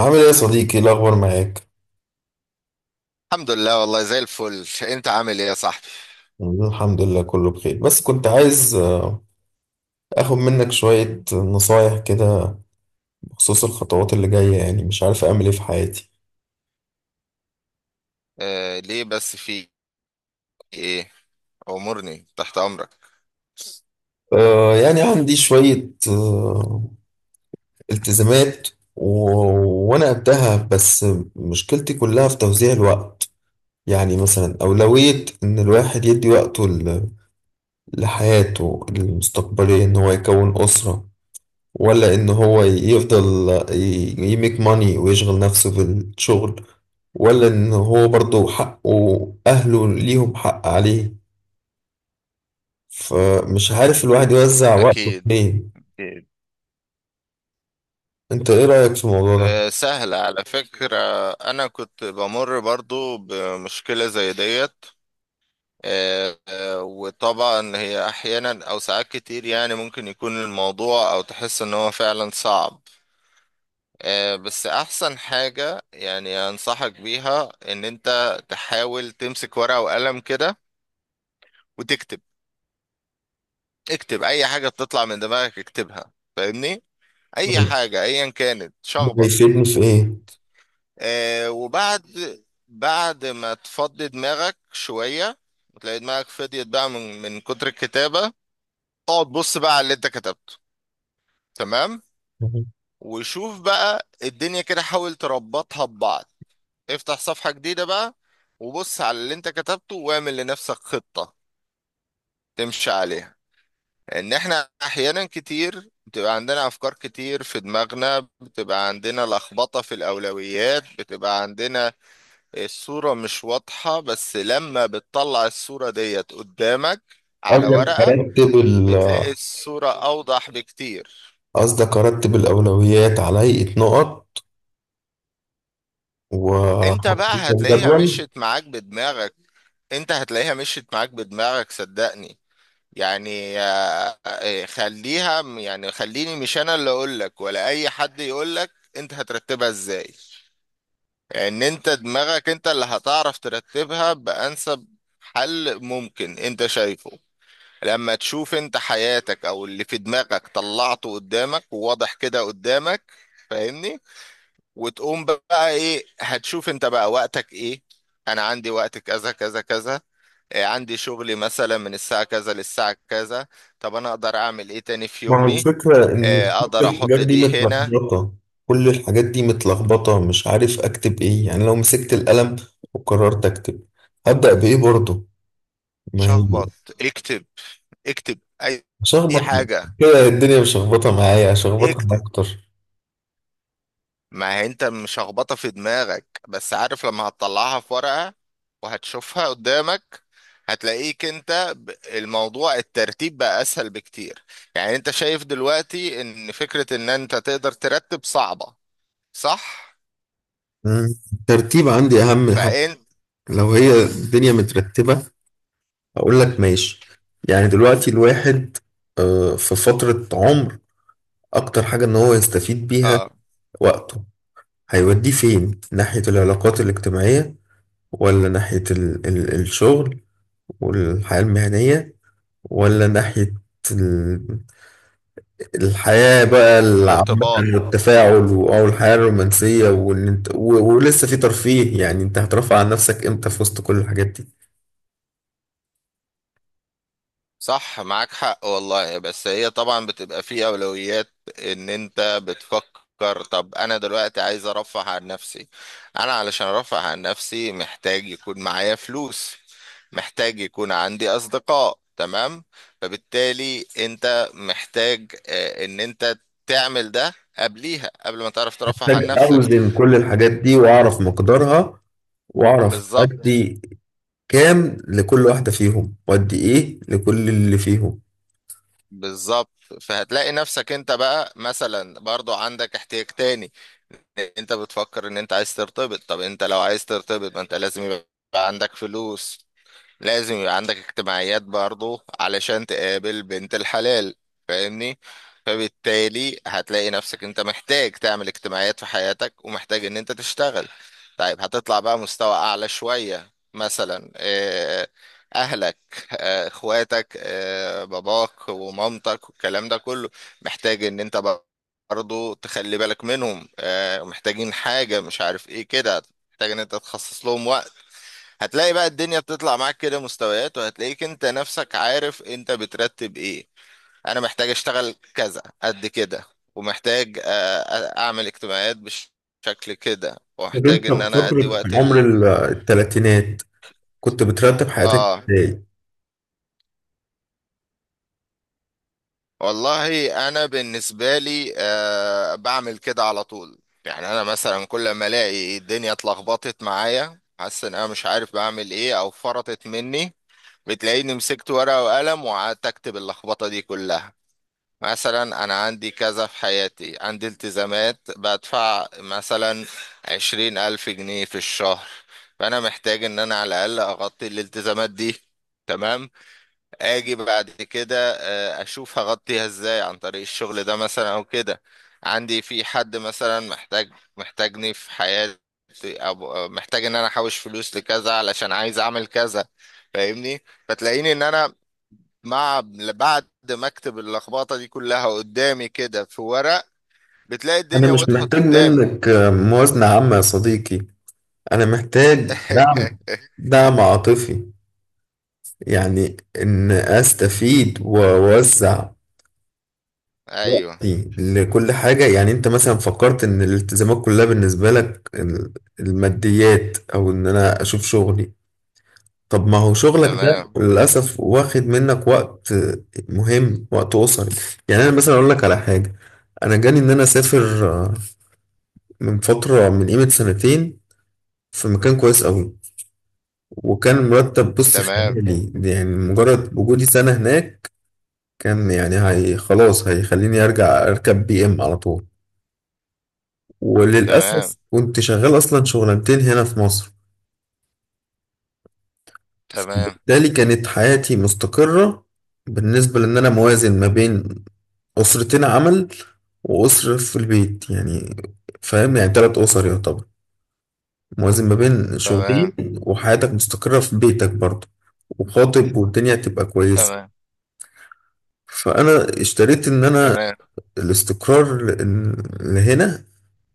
عامل ايه يا صديقي؟ إيه الاخبار معاك؟ الحمد لله، والله زي الفل. انت عامل ايه يا صاحبي؟ الحمد لله، كله بخير، بس كنت عايز اخد منك شوية نصايح كده بخصوص الخطوات اللي جاية. يعني مش عارف اعمل ايه في حياتي. آه، ليه بس؟ في ايه؟ امورني، تحت امرك. يعني عندي شوية التزامات و... وانا قدها، بس مشكلتي كلها في توزيع الوقت. يعني مثلا اولوية ان الواحد يدي وقته لحياته المستقبلية، ان هو يكون اسرة، ولا ان هو يفضل يميك ماني ويشغل نفسه بالشغل، ولا ان هو برضه حقه اهله ليهم حق عليه. فمش عارف الواحد يوزع وقته اكيد، فين. اكيد. انت ايه رأيك في الموضوع ده؟ آه، سهل على فكرة. انا كنت بمر برضو بمشكلة زي ديت. آه، آه، وطبعا هي احيانا او ساعات كتير يعني ممكن يكون الموضوع او تحس ان هو فعلا صعب. آه، بس احسن حاجة يعني انصحك بيها ان انت تحاول تمسك ورقة وقلم كده وتكتب. اكتب اي حاجة بتطلع من دماغك، اكتبها. فاهمني؟ اي حاجة ايا كانت، ده شخبط. هيفيدني في ايه؟ آه، وبعد بعد ما تفضي دماغك شوية وتلاقي دماغك فضيت بقى من كتر الكتابة، اقعد بص بقى على اللي انت كتبته. تمام؟ وشوف بقى الدنيا، كده حاول تربطها ببعض. افتح صفحة جديدة بقى، وبص على اللي انت كتبته واعمل لنفسك خطة تمشي عليها. ان احنا احيانا كتير بتبقى عندنا افكار كتير في دماغنا، بتبقى عندنا لخبطة في الاولويات، بتبقى عندنا الصورة مش واضحة. بس لما بتطلع الصورة ديت قدامك على اولا ورقة، ارتب ال- بتلاقي الصورة اوضح بكتير. قصدك ارتب الاولويات على هيئة نقط انت و بقى هتلاقيها جدول؟ مشيت معاك بدماغك. انت هتلاقيها مشيت معاك بدماغك، صدقني. يعني خليها، يعني خليني مش انا اللي اقولك ولا اي حد يقولك انت هترتبها ازاي. ان انت دماغك انت اللي هتعرف ترتبها بانسب حل ممكن انت شايفه، لما تشوف انت حياتك او اللي في دماغك طلعته قدامك وواضح كده قدامك. فاهمني؟ وتقوم بقى ايه؟ هتشوف انت بقى وقتك ايه. انا عندي وقت كذا كذا كذا. عندي شغلي مثلا من الساعة كذا للساعة كذا، طب انا اقدر اعمل ايه تاني في ما هو يومي؟ الفكرة إن كل اقدر الحاجات احط دي دي هنا. متلخبطة. كل الحاجات دي متلخبطة، مش عارف أكتب إيه. يعني لو مسكت القلم وقررت أكتب، هبدأ بإيه برضه؟ ما هي شخبط، اكتب، اكتب أي هشخبط. حاجة، كده الدنيا مش مشخبطة معايا؟ هشخبطها اكتب. أكتر. ما هي انت مش هخبطه في دماغك، بس عارف لما هتطلعها في ورقة وهتشوفها قدامك، هتلاقيك انت الموضوع، الترتيب بقى اسهل بكتير. يعني انت شايف دلوقتي ان فكرة ان انت تقدر ترتب صعبة، صح؟ مم. الترتيب عندي أهم حاجة. فانت، لو هي الدنيا مترتبة أقول لك ماشي. يعني دلوقتي الواحد في فترة عمر، أكتر حاجة إن هو يستفيد بيها اه، وقته، هيوديه فين؟ ناحية العلاقات الاجتماعية، ولا ناحية ال الشغل والحياة المهنية، ولا ناحية ال- الحياة بقى العامة الارتباط، والتفاعل أو الحياة الرومانسية، وإن أنت ولسه في ترفيه؟ يعني أنت هترفع عن نفسك إمتى في وسط كل الحاجات دي؟ صح. معاك حق والله، بس هي طبعا بتبقى في أولويات. إن أنت بتفكر، طب أنا دلوقتي عايز أرفه عن نفسي، أنا علشان أرفه عن نفسي محتاج يكون معايا فلوس، محتاج يكون عندي أصدقاء. تمام؟ فبالتالي أنت محتاج، إن أنت تعمل ده قبليها، قبل ما تعرف ترفه عن محتاج نفسك. أوزن كل الحاجات دي وأعرف مقدارها، وأعرف بالظبط، أدي كام لكل واحدة فيهم، وأدي إيه لكل اللي فيهم. بالظبط. فهتلاقي نفسك أنت بقى مثلا برضو عندك احتياج تاني. انت بتفكر ان انت عايز ترتبط، طب انت لو عايز ترتبط، ما انت لازم يبقى عندك فلوس، لازم يبقى عندك اجتماعيات برضه علشان تقابل بنت الحلال. فاهمني؟ فبالتالي هتلاقي نفسك انت محتاج تعمل اجتماعيات في حياتك، ومحتاج ان انت تشتغل. طيب هتطلع بقى مستوى اعلى شوية، مثلا اهلك، اخواتك، باباك ومامتك والكلام ده كله. محتاج ان انت برضه تخلي بالك منهم، محتاجين حاجة مش عارف ايه كده، محتاج ان انت تخصص لهم وقت. هتلاقي بقى الدنيا بتطلع معاك كده مستويات، وهتلاقيك انت نفسك عارف انت بترتب ايه. انا محتاج اشتغل كذا قد كده، ومحتاج اعمل اجتماعات بشكل كده، طب ومحتاج أنت ان في انا ادي فترة وقت عمر ال... التلاتينات، كنت بترتب حياتك اه، إزاي؟ والله انا بالنسبة لي، آه، بعمل كده على طول. يعني انا مثلا كل ما الاقي الدنيا اتلخبطت معايا، حاسس ان انا مش عارف بعمل ايه او فرطت مني، بتلاقيني مسكت ورقة وقلم وقعدت اكتب اللخبطة دي كلها. مثلا انا عندي كذا في حياتي، عندي التزامات بدفع مثلا 20,000 جنيه في الشهر، فانا محتاج ان انا على الاقل اغطي الالتزامات دي. تمام؟ اجي بعد كده، اشوف هغطيها ازاي عن طريق الشغل ده مثلا، او كده عندي في حد مثلا محتاج، محتاجني في حياتي، او محتاج ان انا احوش فلوس لكذا علشان عايز اعمل كذا. فاهمني؟ فتلاقيني ان انا مع بعد ما اكتب اللخبطه دي كلها قدامي كده في ورق، بتلاقي الدنيا أنا مش وضحت محتاج قدامي. منك موازنة عامة يا صديقي. أنا محتاج دعم، دعم عاطفي. يعني إن أستفيد وأوزع ايوه. وقتي لكل حاجة. يعني أنت مثلا فكرت إن الالتزامات كلها بالنسبة لك الماديات، أو إن أنا أشوف شغلي. طب ما هو شغلك ده تمام، للأسف واخد منك وقت مهم، وقت أسري. يعني أنا مثلا أقول لك على حاجة. أنا جاني إن أنا أسافر من فترة من قيمة سنتين، في مكان كويس قوي، وكان مرتب بص تمام، خيالي. يعني مجرد وجودي سنة هناك كان يعني هي خلاص هيخليني ارجع اركب بي ام على طول. تمام، وللأسف كنت شغال اصلا شغلانتين هنا في مصر، تمام، بالتالي كانت حياتي مستقرة. بالنسبة لان انا موازن ما بين اسرتين عمل واسرة في البيت. يعني فاهم؟ يعني 3 اسر يعتبر، موازن ما بين شغلين، تمام، وحياتك مستقرة في بيتك برضه، وخاطب، والدنيا تبقى كويسة. تمام، فانا اشتريت ان انا تمام. الاستقرار لهنا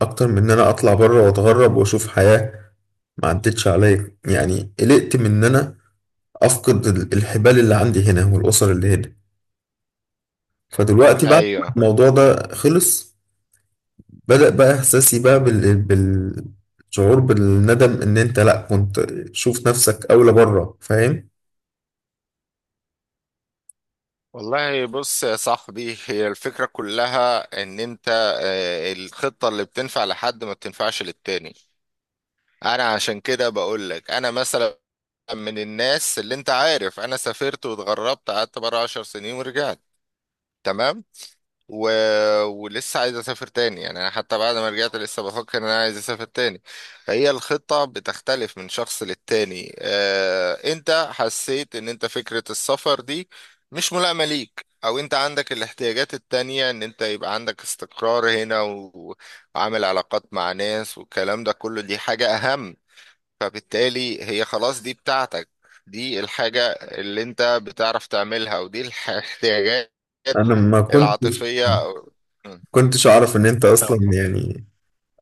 اكتر من ان انا اطلع بره واتغرب واشوف حياة. ما عدتش عليا. يعني قلقت من ان انا افقد الحبال اللي عندي هنا والاسر اللي هنا. فدلوقتي بعد ما ايوه الموضوع ده خلص، بدأ بقى احساسي بقى بالشعور بالندم، ان انت لا كنت شوف نفسك اولى بره، فاهم؟ والله، بص يا صاحبي، هي الفكره كلها ان انت، الخطه اللي بتنفع لحد ما بتنفعش للتاني. انا عشان كده بقول لك، انا مثلا من الناس اللي انت عارف انا سافرت واتغربت، قعدت بره عشر سنين ورجعت. تمام؟ و... ولسه عايز اسافر تاني، يعني انا حتى بعد ما رجعت لسه بفكر ان انا عايز اسافر تاني. فهي الخطة بتختلف من شخص للتاني. انت حسيت ان انت فكرة السفر دي مش ملائمة ليك، او انت عندك الاحتياجات التانية ان انت يبقى عندك استقرار هنا، و... وعامل علاقات مع ناس والكلام ده كله، دي حاجة اهم. فبالتالي هي خلاص دي بتاعتك، دي الحاجة اللي انت بتعرف تعملها، ودي الاحتياجات انا ما كنتش العاطفية. مم. كنتش اعرف ان انت اصلا، اه يعني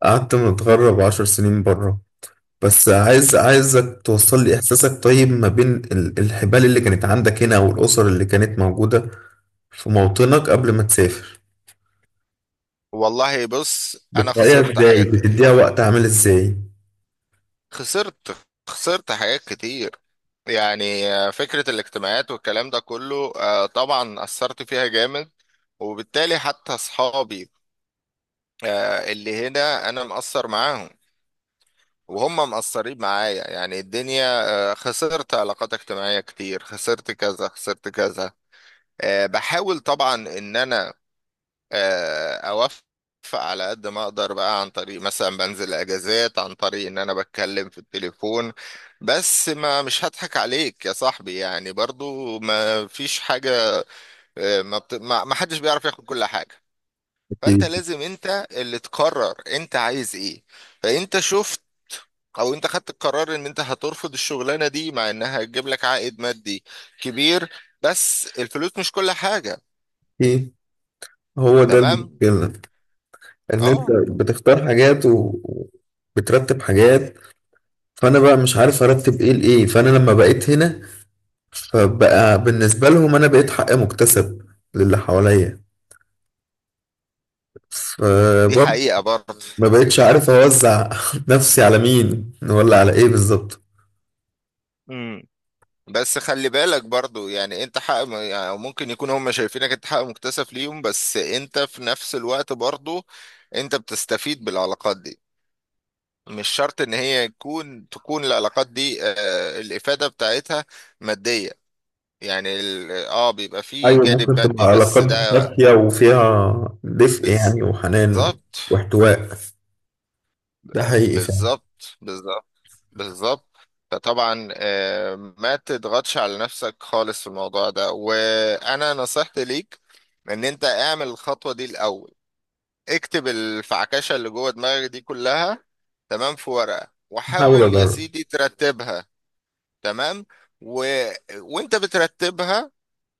قعدت متغرب 10 سنين بره. بس عايزك توصل لي إحساسك. طيب ما بين الحبال اللي كانت عندك هنا والأسر اللي كانت موجودة في موطنك قبل ما تسافر، والله بص، انا بتراعيها خسرت حاجات إزاي؟ كتير. بتديها وقت عامل إزاي؟ خسرت، خسرت حاجات كتير. يعني فكرة الاجتماعات والكلام ده كله، طبعا اثرت فيها جامد. وبالتالي حتى اصحابي اللي هنا، انا مأثر معاهم وهم مقصرين معايا. يعني الدنيا، خسرت علاقات اجتماعية كتير، خسرت كذا، خسرت كذا. بحاول طبعا ان انا، اوفق على قد ما اقدر بقى، عن طريق مثلا بنزل اجازات، عن طريق ان انا بتكلم في التليفون. بس ما، مش هضحك عليك يا صاحبي، يعني برضو ما فيش حاجة، آه، ما, بت... ما ما حدش بيعرف ياخد كل حاجة. فانت أكيد. لازم انت اللي تقرر انت عايز ايه. فانت شوف، او انت خدت القرار ان انت هترفض الشغلانه دي مع انها هتجيب لك عائد مادي كبير، بس الفلوس مش كل حاجه. إيه، هو ده تمام، المشكلة. إن أنت اه، بتختار حاجات وبترتب حاجات، فأنا بقى مش عارف أرتب إيه لإيه. فأنا لما بقيت هنا، فبقى بالنسبة لهم أنا بقيت حق مكتسب للي حواليا. دي فبرضه حقيقه برضه. ما بقتش عارف اوزع نفسي على مين ولا على ايه بالظبط. امم، بس خلي بالك برضو، يعني انت حق، يعني ممكن يكون هم شايفينك انت حق مكتسب ليهم، بس انت في نفس الوقت برضو انت بتستفيد بالعلاقات دي. مش شرط ان هي تكون العلاقات دي، آه، الافادة بتاعتها مادية. يعني ال، اه، بيبقى فيه ايوه، جانب ممكن تبقى مادي، بس علاقات ده دافية وفيها دفء، يعني وحنان بالظبط، واحتواء. ده حقيقي فعلا. بالظبط، بالظبط، بالظبط. فطبعا ما تضغطش على نفسك خالص في الموضوع ده. وانا نصيحتي ليك ان انت اعمل الخطوة دي الاول، اكتب الفعكشة اللي جوه دماغك دي كلها، تمام، في ورقة، هحاول وحاول يا اجرب. سيدي ترتبها. تمام، و... وانت بترتبها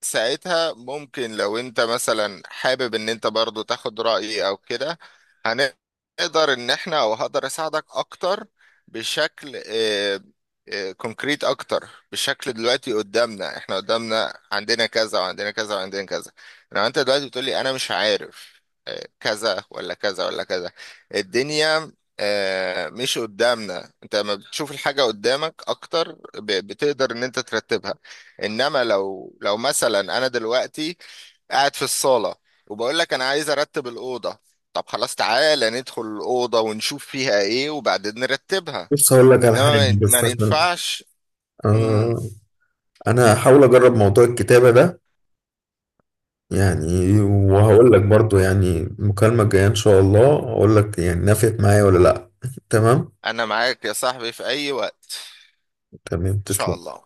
ساعتها، ممكن لو انت مثلا حابب ان انت برضو تاخد رأيي او كده، هنقدر ان احنا او هقدر اساعدك اكتر بشكل، اه، اه، كونكريت اكتر. بشكل دلوقتي قدامنا، احنا قدامنا عندنا كذا، وعندنا كذا، وعندنا كذا. لو انت دلوقتي بتقولي انا مش عارف، اه، كذا ولا كذا ولا كذا، الدنيا، اه، مش قدامنا. انت لما بتشوف الحاجة قدامك اكتر، بتقدر ان انت ترتبها. انما لو مثلا انا دلوقتي قاعد في الصاله، وبقول لك انا عايز ارتب الاوضه، طب خلاص تعالى ندخل الاوضه ونشوف فيها ايه وبعدين نرتبها. بص هقول لك على انما حاجة ما بس ما عشان ينفعش. امم. آه انا هحاول اجرب موضوع الكتابة ده. يعني وهقول لك برضو، يعني المكالمة الجاية ان شاء الله اقول لك يعني نفعت معايا ولا لا. تمام. انا معاك يا صاحبي في اي وقت. تمام. ان شاء تسلم. الله.